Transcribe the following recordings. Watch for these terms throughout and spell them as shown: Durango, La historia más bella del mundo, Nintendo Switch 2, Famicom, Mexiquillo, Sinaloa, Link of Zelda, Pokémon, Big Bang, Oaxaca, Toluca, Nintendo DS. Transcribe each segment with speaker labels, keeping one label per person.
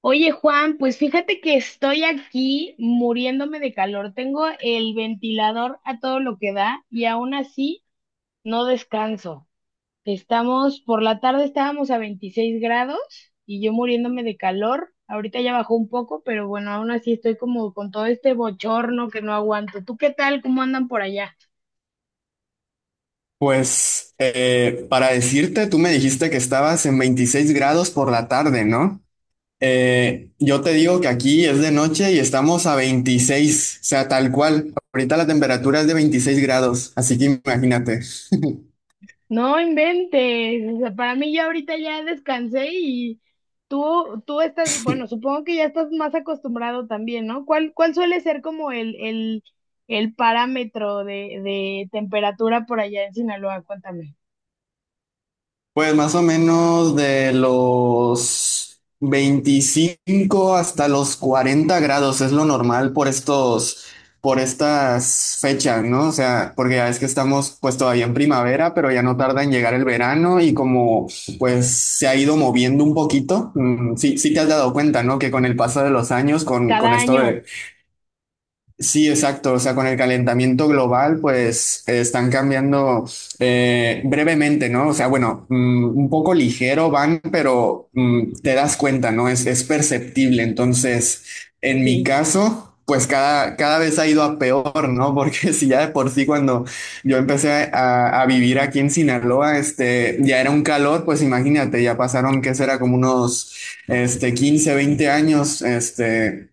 Speaker 1: Oye, Juan, pues fíjate que estoy aquí muriéndome de calor. Tengo el ventilador a todo lo que da y aún así no descanso. Por la tarde estábamos a 26 grados y yo muriéndome de calor. Ahorita ya bajó un poco, pero bueno, aún así estoy como con todo este bochorno que no aguanto. ¿Tú qué tal? ¿Cómo andan por allá?
Speaker 2: Pues para decirte, tú me dijiste que estabas en 26 grados por la tarde, ¿no? Yo te digo que aquí es de noche y estamos a 26, o sea, tal cual. Ahorita la temperatura es de 26 grados, así que imagínate.
Speaker 1: No inventes, o sea, para mí ya ahorita ya descansé y tú estás, bueno, supongo que ya estás más acostumbrado también, ¿no? ¿Cuál suele ser como el parámetro de temperatura por allá en Sinaloa? Cuéntame.
Speaker 2: Pues más o menos de los 25 hasta los 40 grados es lo normal por estos, por estas fechas, ¿no? O sea, porque ya es que estamos pues todavía en primavera, pero ya no tarda en llegar el verano y como pues se ha ido moviendo un poquito. Sí, sí te has dado cuenta, ¿no? Que con el paso de los años, con
Speaker 1: Cada
Speaker 2: esto
Speaker 1: año,
Speaker 2: de... Sí, exacto. O sea, con el calentamiento global, pues están cambiando brevemente, ¿no? O sea, bueno, un poco ligero van, pero te das cuenta, ¿no? Es perceptible. Entonces, en mi
Speaker 1: sí.
Speaker 2: caso, pues cada vez ha ido a peor, ¿no? Porque si ya de por sí cuando yo empecé a vivir aquí en Sinaloa, este, ya era un calor, pues imagínate, ya pasaron, ¿qué será? Como unos, 15, 20 años.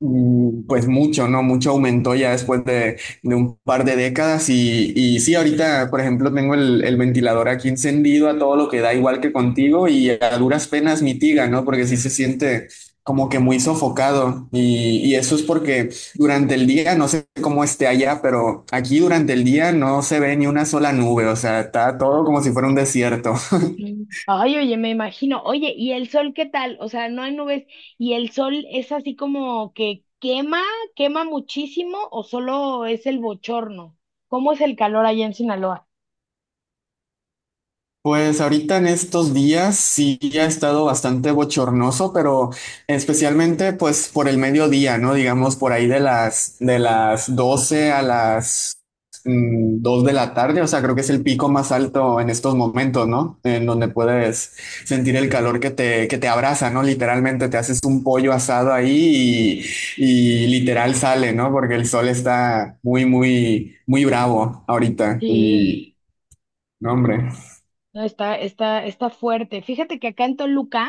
Speaker 2: Pues mucho, ¿no? Mucho aumentó ya después de un par de décadas y sí, ahorita, por ejemplo, tengo el ventilador aquí encendido a todo lo que da, igual que contigo, y a duras penas mitiga, ¿no? Porque sí se siente como que muy sofocado y eso es porque durante el día, no sé cómo esté allá, pero aquí durante el día no se ve ni una sola nube, o sea, está todo como si fuera un desierto.
Speaker 1: Mm. Ay, oye, me imagino. Oye, ¿y el sol qué tal? O sea, no hay nubes. ¿Y el sol es así como que quema, quema muchísimo o solo es el bochorno? ¿Cómo es el calor allá en Sinaloa?
Speaker 2: Pues ahorita en estos días sí ha estado bastante bochornoso, pero especialmente pues por el mediodía, ¿no? Digamos por ahí de las 12 a las dos de la tarde, o sea, creo que es el pico más alto en estos momentos, ¿no? En donde puedes sentir el calor que te abraza, ¿no? Literalmente te haces un pollo asado ahí y literal sale, ¿no? Porque el sol está muy muy muy bravo ahorita
Speaker 1: Sí.
Speaker 2: y no, hombre,
Speaker 1: No, está fuerte. Fíjate que acá en Toluca,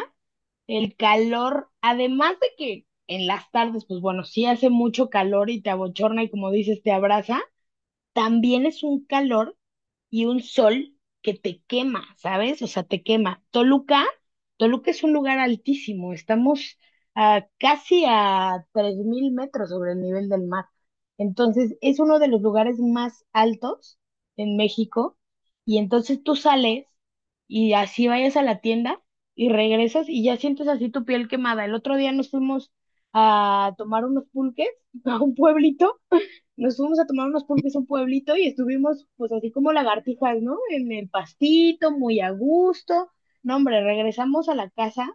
Speaker 1: el calor, además de que en las tardes, pues bueno, sí hace mucho calor y te abochorna y como dices, te abraza también es un calor y un sol que te quema, ¿sabes? O sea, te quema. Toluca es un lugar altísimo, estamos a casi a 3000 metros sobre el nivel del mar. Entonces, es uno de los lugares más altos en México, y entonces tú sales y así vayas a la tienda y regresas y ya sientes así tu piel quemada. El otro día nos fuimos a tomar unos pulques a un pueblito, nos fuimos a tomar unos pulques a un pueblito y estuvimos pues así como lagartijas, ¿no? En el pastito, muy a gusto. No, hombre, regresamos a la casa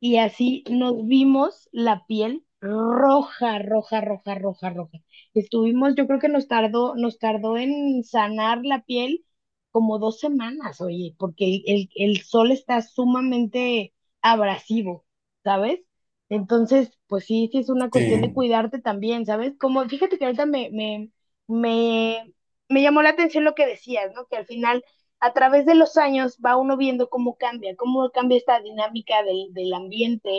Speaker 1: y así nos vimos la piel roja, roja, roja, roja, roja. Yo creo que nos tardó en sanar la piel como 2 semanas, oye, porque el sol está sumamente abrasivo, ¿sabes? Entonces, pues sí, sí es una cuestión de
Speaker 2: sí.
Speaker 1: cuidarte también, ¿sabes? Como, fíjate que ahorita me, me llamó la atención lo que decías, ¿no? Que al final, a través de los años, va uno viendo cómo cambia esta dinámica del ambiente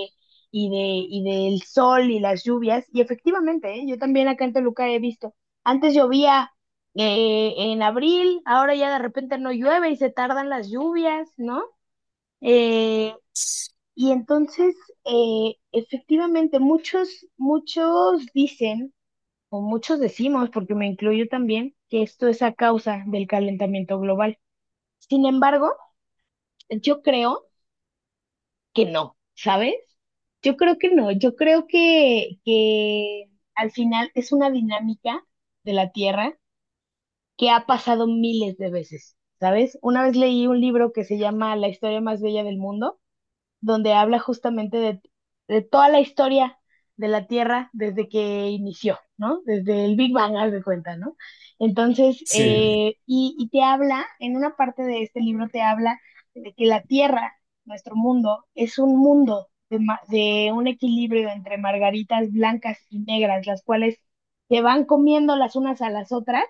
Speaker 1: y, de, y del sol y las lluvias. Y efectivamente, ¿eh?, yo también acá en Toluca he visto, antes llovía en abril, ahora ya de repente no llueve y se tardan las lluvias, ¿no? Eh, y entonces, efectivamente, muchos dicen, o muchos decimos, porque me incluyo también, que esto es a causa del calentamiento global. Sin embargo, yo creo que no, ¿sabes? Yo creo que no, yo creo que al final es una dinámica de la Tierra que ha pasado miles de veces, ¿sabes? Una vez leí un libro que se llama La historia más bella del mundo, donde habla justamente de, toda la historia de la Tierra desde que inició, ¿no? Desde el Big Bang, haz de cuenta, ¿no? Entonces,
Speaker 2: Sí,
Speaker 1: y te habla, en una parte de este libro te habla de que la Tierra, nuestro mundo, es un mundo de un equilibrio entre margaritas blancas y negras, las cuales se van comiendo las unas a las otras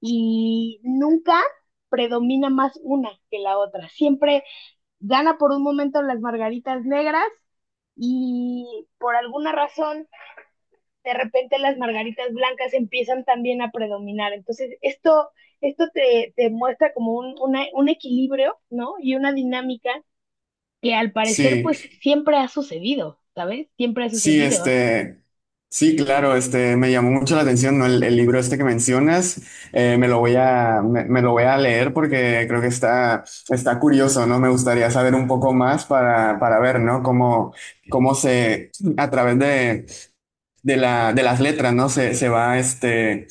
Speaker 1: y nunca predomina más una que la otra. Siempre gana por un momento las margaritas negras y por alguna razón de repente las margaritas blancas empiezan también a predominar. Entonces, esto te muestra como un, un equilibrio, ¿no? Y una dinámica que al parecer
Speaker 2: sí,
Speaker 1: pues siempre ha sucedido, ¿sabes? Siempre ha
Speaker 2: sí,
Speaker 1: sucedido.
Speaker 2: sí, claro, me llamó mucho la atención, ¿no? El libro este que mencionas, me lo voy a, me lo voy a leer porque creo que está curioso, ¿no? Me gustaría saber un poco más para ver, ¿no? Cómo se, a través de las letras, ¿no? Se va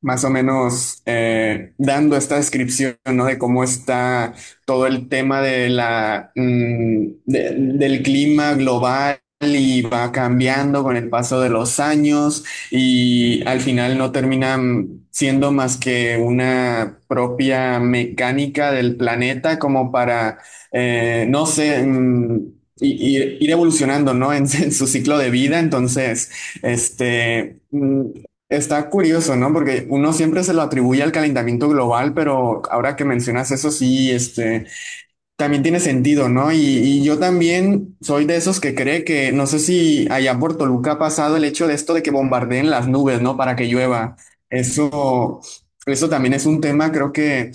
Speaker 2: más o menos dando esta descripción, ¿no? De cómo está todo el tema de la, mm, de- del clima global. Y va cambiando con el paso de los años y al final no terminan siendo más que una propia mecánica del planeta como para, no sé, ir, ir evolucionando, ¿no? En su ciclo de vida. Entonces, este, mm, está curioso, ¿no? Porque uno siempre se lo atribuye al calentamiento global, pero ahora que mencionas eso, sí, también tiene sentido, ¿no? Y yo también soy de esos que cree que, no sé si allá por Toluca ha pasado el hecho de esto de que bombardeen las nubes, ¿no? Para que llueva. Eso, eso también es un tema, creo que...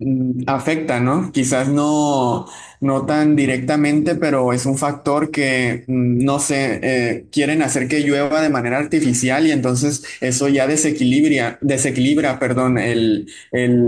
Speaker 2: Afecta, ¿no? Quizás no tan directamente, pero es un factor que, no sé, quieren hacer que llueva de manera artificial y entonces eso ya desequilibra, desequilibra, perdón, el, el,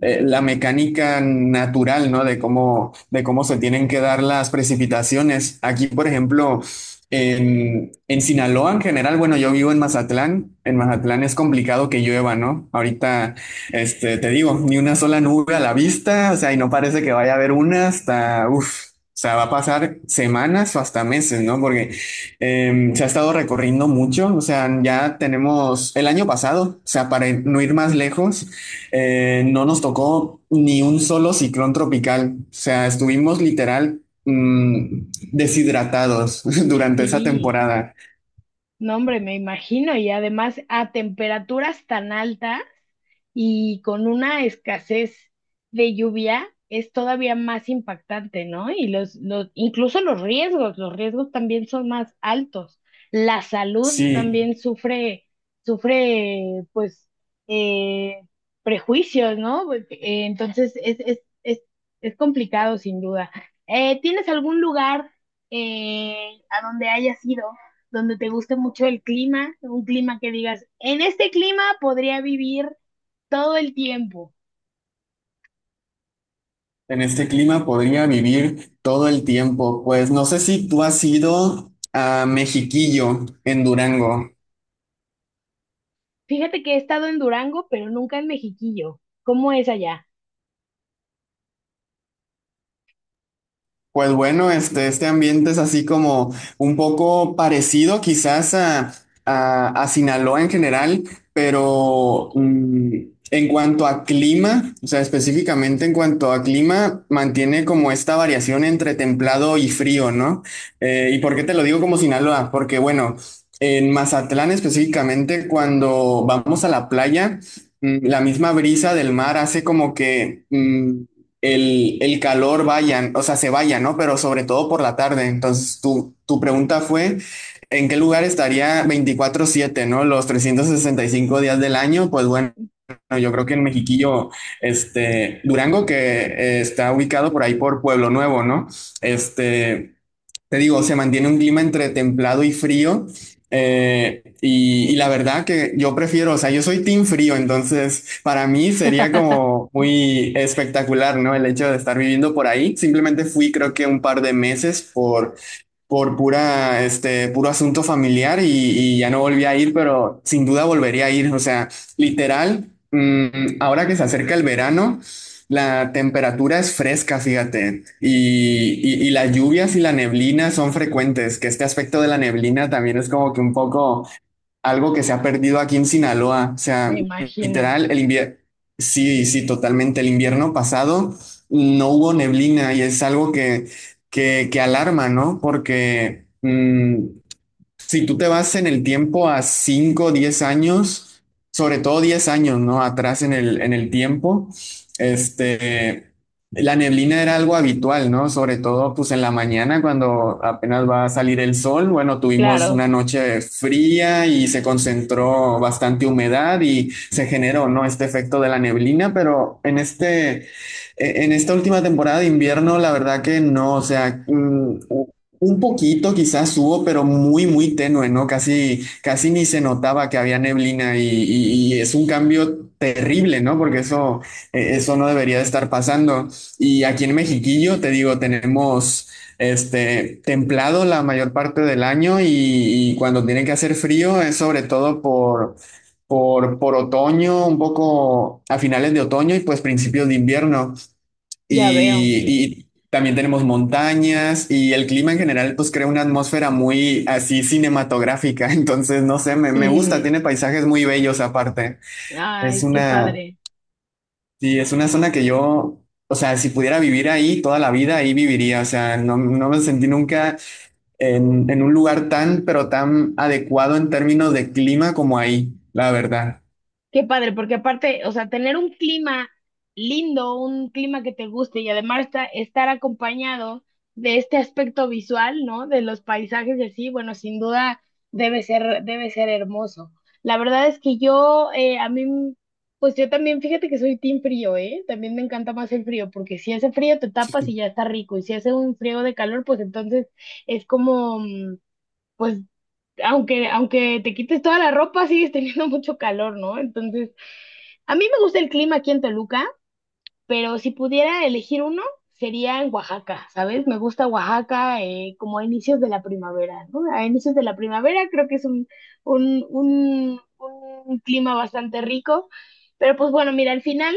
Speaker 2: eh, la mecánica natural, ¿no? De cómo se tienen que dar las precipitaciones. Aquí, por ejemplo, en Sinaloa en general, bueno, yo vivo en Mazatlán. En Mazatlán es complicado que llueva, ¿no? Ahorita te digo, ni una sola nube a la vista, o sea, y no parece que vaya a haber una hasta, uff, o sea, va a pasar semanas o hasta meses, ¿no? Porque se ha estado recorriendo mucho, o sea, ya tenemos el año pasado, o sea, para no ir más lejos, no nos tocó ni un solo ciclón tropical, o sea, estuvimos literal deshidratados durante esa
Speaker 1: Sí.
Speaker 2: temporada.
Speaker 1: No, hombre, me imagino, y además a temperaturas tan altas y con una escasez de lluvia es todavía más impactante, ¿no? Y incluso los riesgos también son más altos. La salud
Speaker 2: Sí.
Speaker 1: también sufre, pues, eh, prejuicios, ¿no? Pues, entonces es complicado sin duda. ¿Tienes algún lugar, a donde hayas ido, donde te guste mucho el clima, un clima que digas, en este clima podría vivir todo el tiempo?
Speaker 2: En este clima podría vivir todo el tiempo. Pues no sé si tú has ido a Mexiquillo en Durango.
Speaker 1: Fíjate que he estado en Durango, pero nunca en Mexiquillo. ¿Cómo es allá?
Speaker 2: Pues bueno, este ambiente es así como un poco parecido quizás a Sinaloa en general, pero en cuanto a clima, o sea, específicamente en cuanto a clima, mantiene como esta variación entre templado y frío, ¿no? ¿Y por qué te lo digo como Sinaloa? Porque bueno, en Mazatlán específicamente, cuando vamos a la playa, la misma brisa del mar hace como que el calor vayan, o sea, se vaya, ¿no? Pero sobre todo por la tarde. Entonces, tu pregunta fue, ¿en qué lugar estaría 24/7, ¿no? Los 365 días del año, pues bueno, yo creo que en Mexiquillo, Durango, que está ubicado por ahí por Pueblo Nuevo, ¿no? Este, te digo, se mantiene un clima entre templado y frío. Y la verdad que yo prefiero, o sea, yo soy team frío, entonces para mí sería como muy espectacular, ¿no? El hecho de estar viviendo por ahí. Simplemente fui creo que un par de meses por puro asunto familiar y ya no volví a ir, pero sin duda volvería a ir. O sea, literal, ahora que se acerca el verano, la temperatura es fresca, fíjate, y las lluvias y la neblina son frecuentes, que este aspecto de la neblina también es como que un poco algo que se ha perdido aquí en Sinaloa. O
Speaker 1: Me
Speaker 2: sea,
Speaker 1: imagino.
Speaker 2: literal, el invierno, sí, sí, totalmente. El invierno pasado no hubo neblina y es algo que alarma, ¿no? Porque si tú te vas en el tiempo a 5 10 años, sobre todo 10 años, ¿no? Atrás en el tiempo, este, la neblina era algo habitual, ¿no? Sobre todo, pues en la mañana, cuando apenas va a salir el sol, bueno, tuvimos
Speaker 1: Claro,
Speaker 2: una noche fría y se concentró bastante humedad y se generó, ¿no? Este efecto de la neblina, pero en esta última temporada de invierno, la verdad que no, o sea, un poquito quizás hubo, pero muy, muy tenue, ¿no? Casi, casi ni se notaba que había neblina y es un cambio terrible, ¿no? Porque eso, eso no debería de estar pasando. Y aquí en Mexiquillo, te digo, tenemos este templado la mayor parte del año y cuando tiene que hacer frío es sobre todo por otoño, un poco a finales de otoño y pues principios de invierno.
Speaker 1: ya veo.
Speaker 2: Y también tenemos montañas y el clima en general pues crea una atmósfera muy así cinematográfica. Entonces, no sé, me gusta, tiene paisajes muy bellos aparte. Es
Speaker 1: Ay, qué
Speaker 2: una,
Speaker 1: padre.
Speaker 2: sí, es una zona que yo, o sea, si pudiera vivir ahí toda la vida, ahí viviría. O sea, no, no me sentí nunca en un lugar tan, pero tan adecuado en términos de clima como ahí, la verdad.
Speaker 1: Qué padre, porque aparte, o sea, tener un clima lindo, un clima que te guste y además estar acompañado de este aspecto visual, ¿no? De los paisajes y así, bueno, sin duda debe ser hermoso. La verdad es que yo, a mí, pues yo también, fíjate que soy team frío, ¿eh? También me encanta más el frío, porque si hace frío te tapas y ya está rico, y si hace un frío de calor, pues entonces es como, pues aunque te quites toda la ropa, sigues teniendo mucho calor, ¿no? Entonces, a mí me gusta el clima aquí en Toluca, pero si pudiera elegir uno, sería en Oaxaca, ¿sabes? Me gusta Oaxaca, como a inicios de la primavera, ¿no? A inicios de la primavera creo que es un, un, un clima bastante rico, pero pues bueno, mira, al final,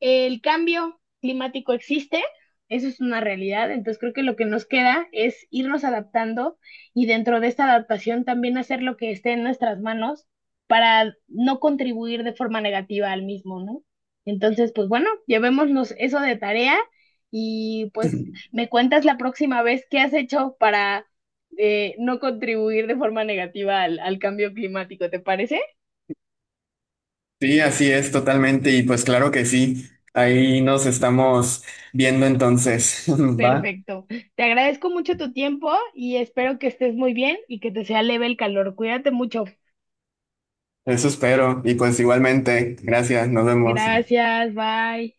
Speaker 1: el cambio climático existe. Eso es una realidad, entonces creo que lo que nos queda es irnos adaptando, y dentro de esta adaptación también hacer lo que esté en nuestras manos para no contribuir de forma negativa al mismo, ¿no? Entonces, pues bueno, llevémonos eso de tarea y pues me cuentas la próxima vez qué has hecho para, no contribuir de forma negativa al cambio climático, ¿te parece?
Speaker 2: Sí, así es totalmente. Y pues claro que sí, ahí nos estamos viendo entonces, ¿va?
Speaker 1: Perfecto. Te agradezco mucho tu tiempo y espero que estés muy bien y que te sea leve el calor. Cuídate mucho.
Speaker 2: Eso espero. Y pues igualmente, gracias, nos vemos.
Speaker 1: Gracias, bye.